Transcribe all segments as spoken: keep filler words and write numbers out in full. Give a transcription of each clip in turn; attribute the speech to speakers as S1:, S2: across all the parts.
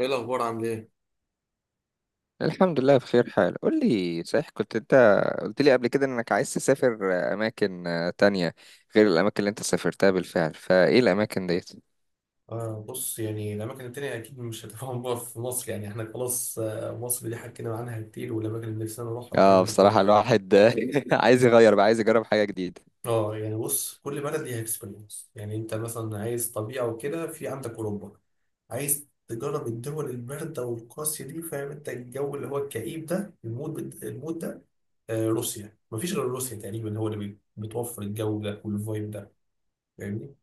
S1: ايه الاخبار؟ عامل ايه؟
S2: الحمد لله بخير حال. قول لي، صحيح كنت انت قلت لي قبل كده انك عايز تسافر اماكن تانية غير الاماكن اللي انت سافرتها بالفعل؟ فايه الاماكن ديت؟
S1: آه بص، يعني الأماكن التانية أكيد مش هتفهم. بقى في مصر يعني إحنا خلاص، آه مصر دي حكينا عنها كتير، والأماكن اللي نفسنا نروحها
S2: اه،
S1: والكلام ده
S2: بصراحة
S1: كله.
S2: الواحد عايز يغير بقى، عايز يجرب حاجة جديدة.
S1: آه يعني بص، كل بلد ليها إكسبيرينس. يعني أنت مثلا عايز طبيعة وكده، في عندك أوروبا. عايز تجرب الدول الباردة والقاسية دي، فاهم أنت الجو اللي هو الكئيب ده، المود بت- المود ده. آه روسيا، مفيش غير روسيا تقريبا هو اللي بي- بتوفر الجو ده والفايب ده. فاهمني؟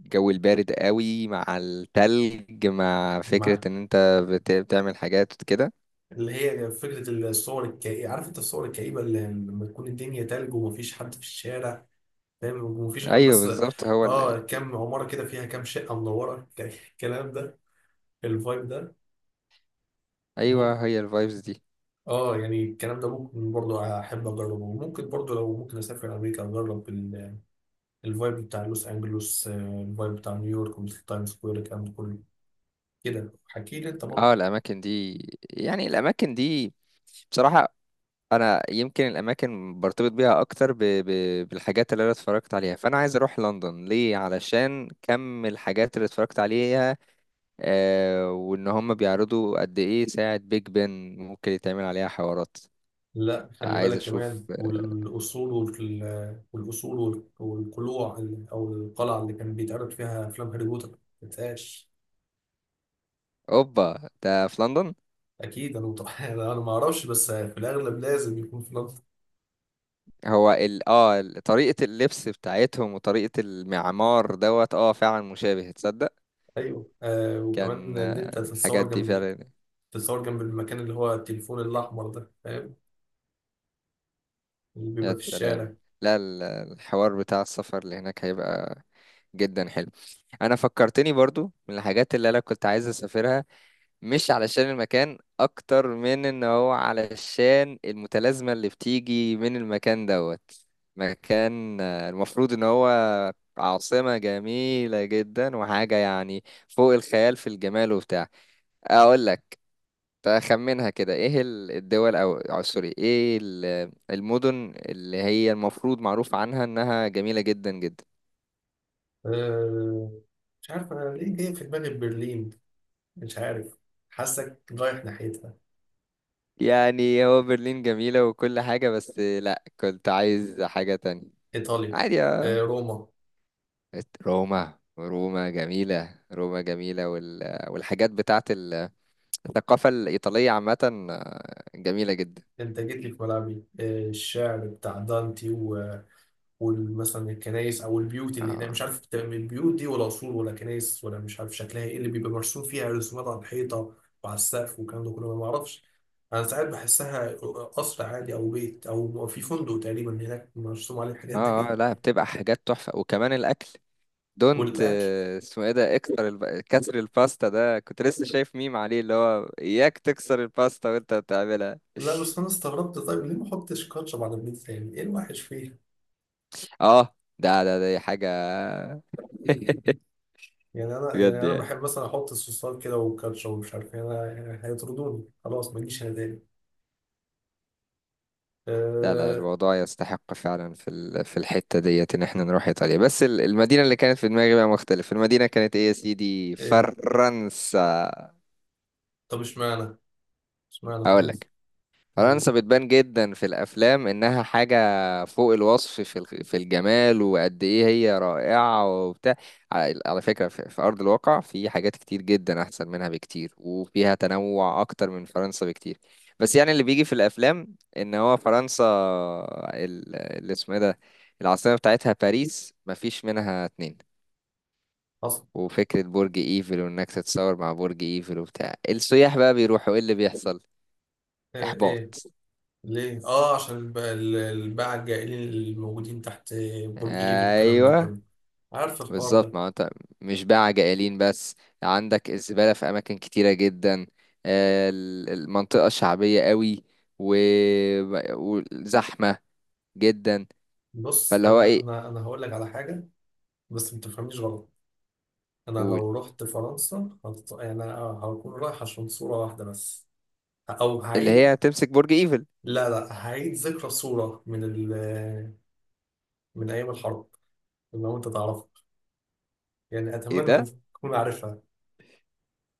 S2: الجو البارد قوي، مع التلج، مع فكرة
S1: مع
S2: ان انت بت- بتعمل حاجات كده.
S1: اللي هي فكرة الصور الكئيبة، عارف انت الصور الكئيبة اللي لما تكون الدنيا تلج ومفيش حد في الشارع، فاهم؟ ومفيش غير
S2: ايوه
S1: بس
S2: بالظبط، هو ال... ال-
S1: اه كام عمارة كده فيها كام شقة منورة الكلام ده، الفايب ده ممكن.
S2: ايوه، هي الفايبز دي.
S1: اه يعني الكلام ده ممكن برضو احب اجربه. وممكن برضو لو ممكن اسافر امريكا اجرب ال- الفايب بتاع لوس انجلوس، آه، الفايب بتاع نيويورك والتايم سكوير، الكلام ده كله. كده حكي لي انت
S2: اه،
S1: برضو.
S2: الاماكن دي يعني الاماكن دي، بصراحة، انا يمكن الاماكن برتبط بيها اكتر ب... ب... بالحاجات اللي انا اتفرجت عليها. فانا عايز اروح لندن ليه؟ علشان كم الحاجات اللي اتفرجت عليها، آه وان هم بيعرضوا قد ايه ساعة بيج بن، ممكن يتعمل عليها حوارات.
S1: لا خلي
S2: عايز
S1: بالك كمان،
S2: اشوف.
S1: والأصول وال- والأصول وال- والقلوع ال- أو القلعة اللي كان بيتعرض فيها أفلام هاري بوتر ما تنساش.
S2: اوبا، ده في لندن؟
S1: أكيد أنا متوقع أنا ما أعرفش، بس في الأغلب لازم يكون في لندن.
S2: هو ال... اه ال- طريقة اللبس بتاعتهم وطريقة المعمار دوت، اه فعلا مشابه، تصدق؟
S1: أيوه آه، وكمان
S2: كان،
S1: إن أنت
S2: آه، الحاجات
S1: تتصور
S2: دي
S1: جنب ال-
S2: فعلا.
S1: تتصور جنب المكان اللي هو التليفون الأحمر ده، فاهم؟ اللي بيبقى
S2: يا
S1: في
S2: سلام!
S1: الشارع.
S2: لا، ال- الحوار بتاع السفر اللي هناك هيبقى جدا حلو. انا فكرتني برضو من الحاجات اللي انا كنت عايز اسافرها، مش علشان المكان اكتر من ان هو علشان المتلازمة اللي بتيجي من المكان دوت. مكان، آه، المفروض ان هو عاصمة جميلة جدا، وحاجة يعني فوق الخيال في الجمال وبتاع. اقول لك، تخمنها كده، ايه ال- الدول، او أو سوري، ايه ال- المدن اللي هي المفروض معروف عنها انها جميلة جدا جدا؟
S1: آه مش عارف أنا ليه جاي في دماغي برلين، مش عارف. حاسك رايح ناحيتها؟
S2: يعني هو برلين جميلة وكل حاجة، بس لا، كنت عايز حاجة تانية.
S1: إيطاليا.
S2: عادي،
S1: آه
S2: اه.
S1: روما.
S2: روما روما جميلة، روما جميلة وال... والحاجات بتاعت ال- الثقافة الإيطالية عامة، آه، جميلة جدا.
S1: انت جيت لي في ملعبي، آه، الشعر بتاع دانتي، و- ومثلا الكنايس او البيوت اللي هناك،
S2: اه
S1: مش عارف بتبقى من البيوت دي ولا قصور ولا كنايس، ولا مش عارف شكلها ايه، اللي بيبقى مرسوم فيها رسومات على الحيطه وعلى السقف والكلام ده كله، أنا ما معرفش. انا ساعات بحسها قصر عادي او بيت او في فندق تقريبا هناك مرسوم عليه الحاجات
S2: اه آه،
S1: دي.
S2: لا، بتبقى حاجات تحفة، وكمان الأكل. دونت،
S1: والاكل،
S2: آه، اسمه ايه ده؟ اكتر الب... كسر الباستا، ده كنت لسه شايف ميم عليه اللي هو اياك تكسر الباستا وانت بتعملها.
S1: لا بس انا استغربت، طيب ليه ما احطش كاتشب على البيتزا؟ يعني ايه الوحش فيها؟
S2: اه، ده ده دي حاجة
S1: يعني انا،
S2: بجد
S1: يعني انا
S2: يعني؟
S1: بحب مثلا احط الصوصات كده والكاتشب ومش عارف إيه. انا يعني هيطردوني خلاص، ما اجيش انا تاني.
S2: لا، لا،
S1: آه
S2: الموضوع يستحق فعلا في ال- في الحتة ديت ان احنا نروح ايطاليا. بس ال- المدينة اللي كانت في دماغي بقى مختلف، المدينة كانت ايه يا سيدي؟
S1: إيه.
S2: فرنسا.
S1: طب اشمعنى؟ اشمعنى
S2: اقول
S1: فرنسا؟
S2: لك.
S1: هو.
S2: فرنسا بتبان جدا في الافلام انها حاجه فوق الوصف في الخ- في الجمال، وقد ايه هي رائعه وبتاع. على على فكره، في في ارض الواقع في حاجات كتير جدا احسن منها بكتير، وفيها تنوع اكتر من فرنسا بكتير. بس يعني اللي بيجي في الافلام ان هو فرنسا، ال- اللي اسمه إيه ده، العاصمه بتاعتها باريس، مفيش منها اتنين.
S1: حصل.
S2: وفكره برج ايفل، وانك تتصور مع برج ايفل وبتاع، السياح بقى بيروحوا، ايه اللي بيحصل؟
S1: آه
S2: احباط.
S1: إيه. ليه؟ آه عشان الب- ال- الباعة الجائلين اللي موجودين تحت برج إيفل والكلام ده
S2: ايوه
S1: كله. عارف الحوار
S2: بالظبط،
S1: ده.
S2: ما هو انت مش بقى جائلين بس، عندك الزبالة في أماكن كتيرة جدا، آه، ال- المنطقة شعبية قوي، و- وزحمة جدا.
S1: بص،
S2: فاللي هو
S1: أنا
S2: ايه،
S1: أنا أنا هقول لك على حاجة، بس ما تفهمنيش غلط. أنا
S2: قول،
S1: لو رحت فرنسا هت... يعني هكون رايح عشان صورة واحدة بس. أو
S2: اللي
S1: هعيد،
S2: هي تمسك برج ايفل؟
S1: لا لا، هعيد ذكرى صورة من ال... من أيام الحرب، لو أنت تعرفها. يعني
S2: ايه
S1: أتمنى إنك
S2: ده؟
S1: تكون عارفها.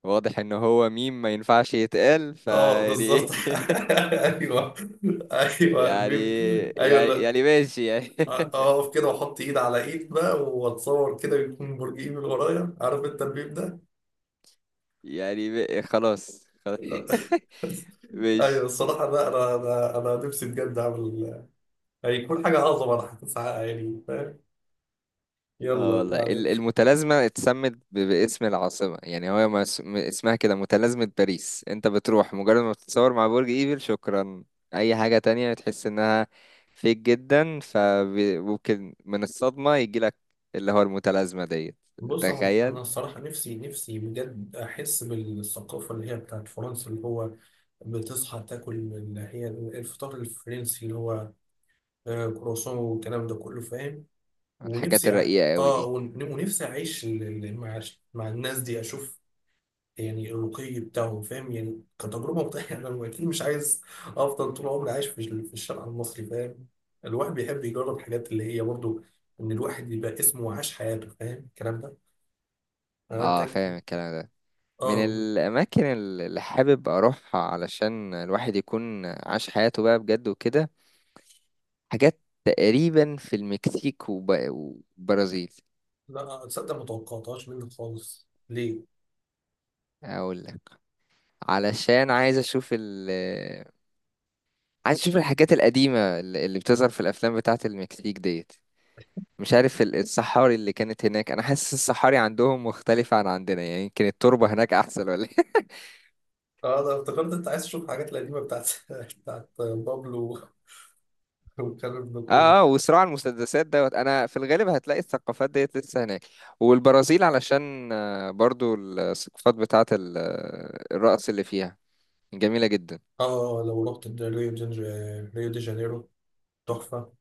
S2: واضح ان هو ميم ما ينفعش يتقال،
S1: اه
S2: فيعني
S1: بالظبط
S2: ايه
S1: ايوه. ايوه
S2: يعني،
S1: الميم، ايوه.
S2: يعني
S1: لا
S2: يعني ماشي يعني
S1: اقف كده واحط ايد على ايد بقى، واتصور كده يكون برج ايفل ورايا، عارف انت الميم ده؟
S2: يعني ب- خلاص، خلاص
S1: ايوه
S2: ماشي.
S1: الصراحه، لا انا انا انا نفسي بجد اعمل، هيكون حاجه اعظم، انا هتسعى يعني، فاهم؟
S2: اه
S1: يلا
S2: والله،
S1: بعدين.
S2: ال- المتلازمة اتسمت ب- باسم العاصمة، يعني هو ما اس- م- اسمها كده، متلازمة باريس. انت بتروح، مجرد ما بتتصور مع برج ايفل، شكرا. اي حاجة تانية تحس انها فيك جدا فممكن من الصدمة يجيلك، اللي هو المتلازمة ديت.
S1: بص انا انا
S2: تخيل.
S1: الصراحه، نفسي نفسي بجد احس بالثقافه اللي هي بتاعت فرنسا، اللي هو بتصحى تاكل اللي هي الفطار الفرنسي، اللي هو آه، كرواسون والكلام ده كله، فاهم؟
S2: الحاجات
S1: ونفسي أع-
S2: الرقيقة قوي
S1: اه
S2: دي.
S1: ون- ونفسي اعيش ال- ال- مع مع الناس دي، اشوف يعني الرقي بتاعهم، فاهم؟ يعني كتجربه مختلفه. انا اكيد مش عايز افضل طول عمري عايش في ال- في الشارع المصري، فاهم؟ الواحد بيحب يجرب الحاجات اللي هي برضو، ان الواحد يبقى اسمه وعاش حياته، فاهم الكلام ده؟ انا
S2: اه، فاهم
S1: اتاكد.
S2: الكلام ده. من
S1: اه
S2: الأماكن اللي حابب أروحها علشان الواحد يكون عاش حياته بقى بجد وكده، حاجات تقريبا في المكسيك وب- وبرازيل.
S1: لا تصدق، ما توقعتهاش منك خالص. ليه؟
S2: اقول لك. علشان عايز اشوف ال عايز اشوف الحاجات القديمة اللي اللي بتظهر في الافلام بتاعة المكسيك ديت. مش عارف ال- الصحاري اللي كانت هناك، انا حاسس الصحاري عندهم مختلفة عن عندنا، يعني يمكن التربة هناك احسن ولا إيه؟
S1: اه انا افتكرت انت عايز تشوف الحاجات القديمه بتاعت بتاعت بابلو والكلام ده كله.
S2: اه، اه، وصراع المسدسات دوت. انا في الغالب هتلاقي الثقافات ديت لسه هناك. والبرازيل علشان، آه، برضو الثقافات بتاعة ال- الرقص اللي فيها جميلة جدا.
S1: اه لو رحت ريو دي، ريو دي جانيرو، تحفة.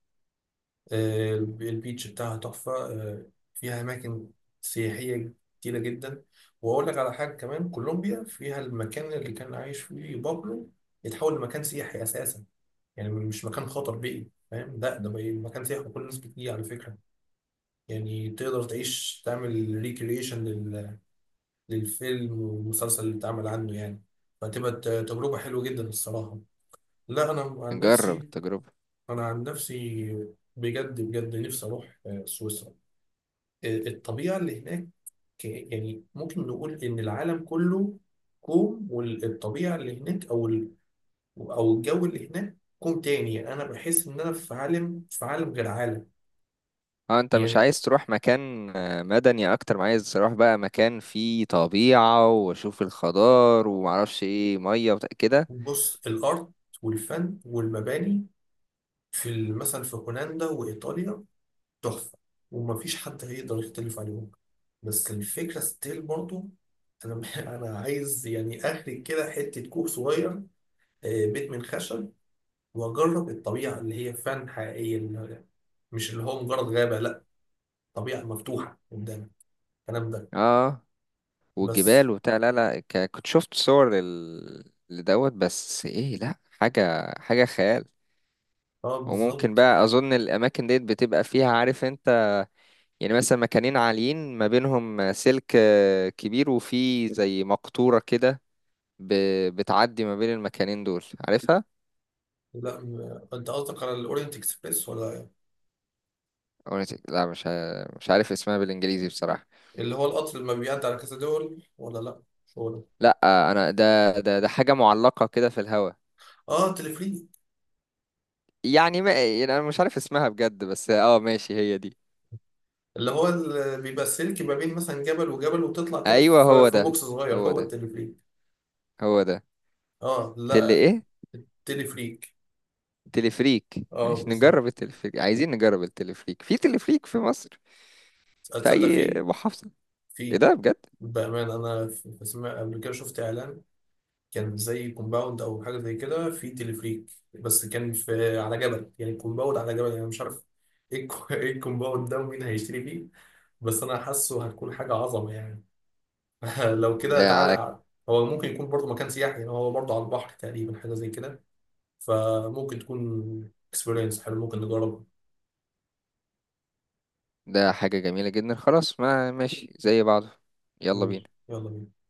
S1: آه، البيتش بتاعها تحفة. آه، فيها أماكن سياحية كتيرة جدا. وأقول لك على حاجة كمان، كولومبيا فيها المكان اللي كان عايش فيه بابلو، يتحول لمكان سياحي أساسا. يعني مش مكان خطر بيئي، فاهم؟ لا ده بقى مكان سياحي وكل الناس بتيجي. على فكرة يعني تقدر تعيش، تعمل ريكريشن للفيلم والمسلسل اللي اتعمل عنه يعني. فتبقى ت- تجربة حلوة جدا الصراحة. لا أنا عن
S2: نجرب
S1: نفسي،
S2: التجربة.
S1: أنا عن نفسي بجد بجد نفسي أروح آه، سويسرا. آه، الطبيعة اللي هناك، يعني ممكن نقول إن العالم كله كوم والطبيعة اللي هناك أو ال- أو الجو اللي هناك كوم تاني. يعني أنا بحس إن أنا في عالم، في عالم غير عالم
S2: اه، انت مش
S1: يعني.
S2: عايز تروح مكان آه، مدني اكتر ما عايز تروح بقى مكان فيه طبيعة، واشوف الخضار ومعرفش ايه، مية وت- كده.
S1: بص الأرض والفن والمباني في ال- مثلا في هولندا وإيطاليا تحفة، ومفيش حد هيقدر يختلف عليهم. بس الفكرة ستيل برضو، أنا أنا عايز يعني أخرج كده حتة كوخ صغير، آه، بيت من خشب، وأجرب الطبيعة اللي هي فعلا حقيقية، اللي مش اللي هو مجرد غابة، لأ، طبيعة مفتوحة قدامك، الكلام ده.
S2: اه،
S1: بس
S2: والجبال وبتاع. لا، لا، ك- كنت شفت صور لل- لدوت، بس ايه، لا، حاجة حاجة خيال.
S1: أه
S2: وممكن
S1: بالظبط.
S2: بقى اظن الاماكن ديت بتبقى فيها، عارف انت، يعني مثلا مكانين عاليين ما بينهم سلك، آه، كبير، وفيه زي مقطورة كده ب- بتعدي ما بين المكانين دول، عارفها؟
S1: لا م- أنت قصدك على الأورينت إكسبريس ولا إيه؟
S2: أغنية؟ لا، مش ع- مش عارف اسمها بالإنجليزي بصراحة.
S1: اللي هو القطر اللي ما بيعدي على كذا دول ولا لأ؟ مش هو ده؟
S2: لا، أنا، ده ده ده حاجة معلقة كده في الهوا.
S1: أه تلفريك.
S2: يعني ما، يعني أنا مش عارف اسمها بجد، بس اه ماشي، هي دي.
S1: اللي هو اللي بيبقى السلك ما بين مثلا جبل وجبل، وتطلع كده
S2: أيوه،
S1: في
S2: هو
S1: في
S2: ده،
S1: بوكس صغير،
S2: هو
S1: هو
S2: ده،
S1: التليفريك.
S2: هو ده.
S1: اه
S2: تلي
S1: لا
S2: إيه؟
S1: التليفريك.
S2: تلفريك.
S1: اه
S2: ماشي،
S1: بالظبط.
S2: نجرب التلفريك، عايزين نجرب التلفريك، في تلفريك في مصر؟ في
S1: اتصدق
S2: أي
S1: فيه؟
S2: محافظة؟ إيه
S1: فيه.
S2: ده بجد؟
S1: بأمانة أنا في في سمع قبل كده، شفت إعلان كان زي كومباوند أو حاجة زي كده فيه تليفريك، بس كان في على جبل. يعني كومباوند على جبل يعني، مش عارف إيه الكو- إيه الكومباوند ده ومين هيشتري فيه؟ بس أنا حاسه هتكون حاجة عظمة يعني. لو
S2: ده
S1: كده تعالى
S2: على.
S1: أعلى. هو ممكن يكون برضه مكان سياحي، يعني هو برضه على البحر تقريبا، حاجة زي كده. فممكن تكون اكسبيرينس حلو، ممكن نجرب.
S2: ده حاجة جميلة جدا. خلاص، ما ماشي، زي بعضه. يلا
S1: ماشي،
S2: بينا.
S1: يلا بينا.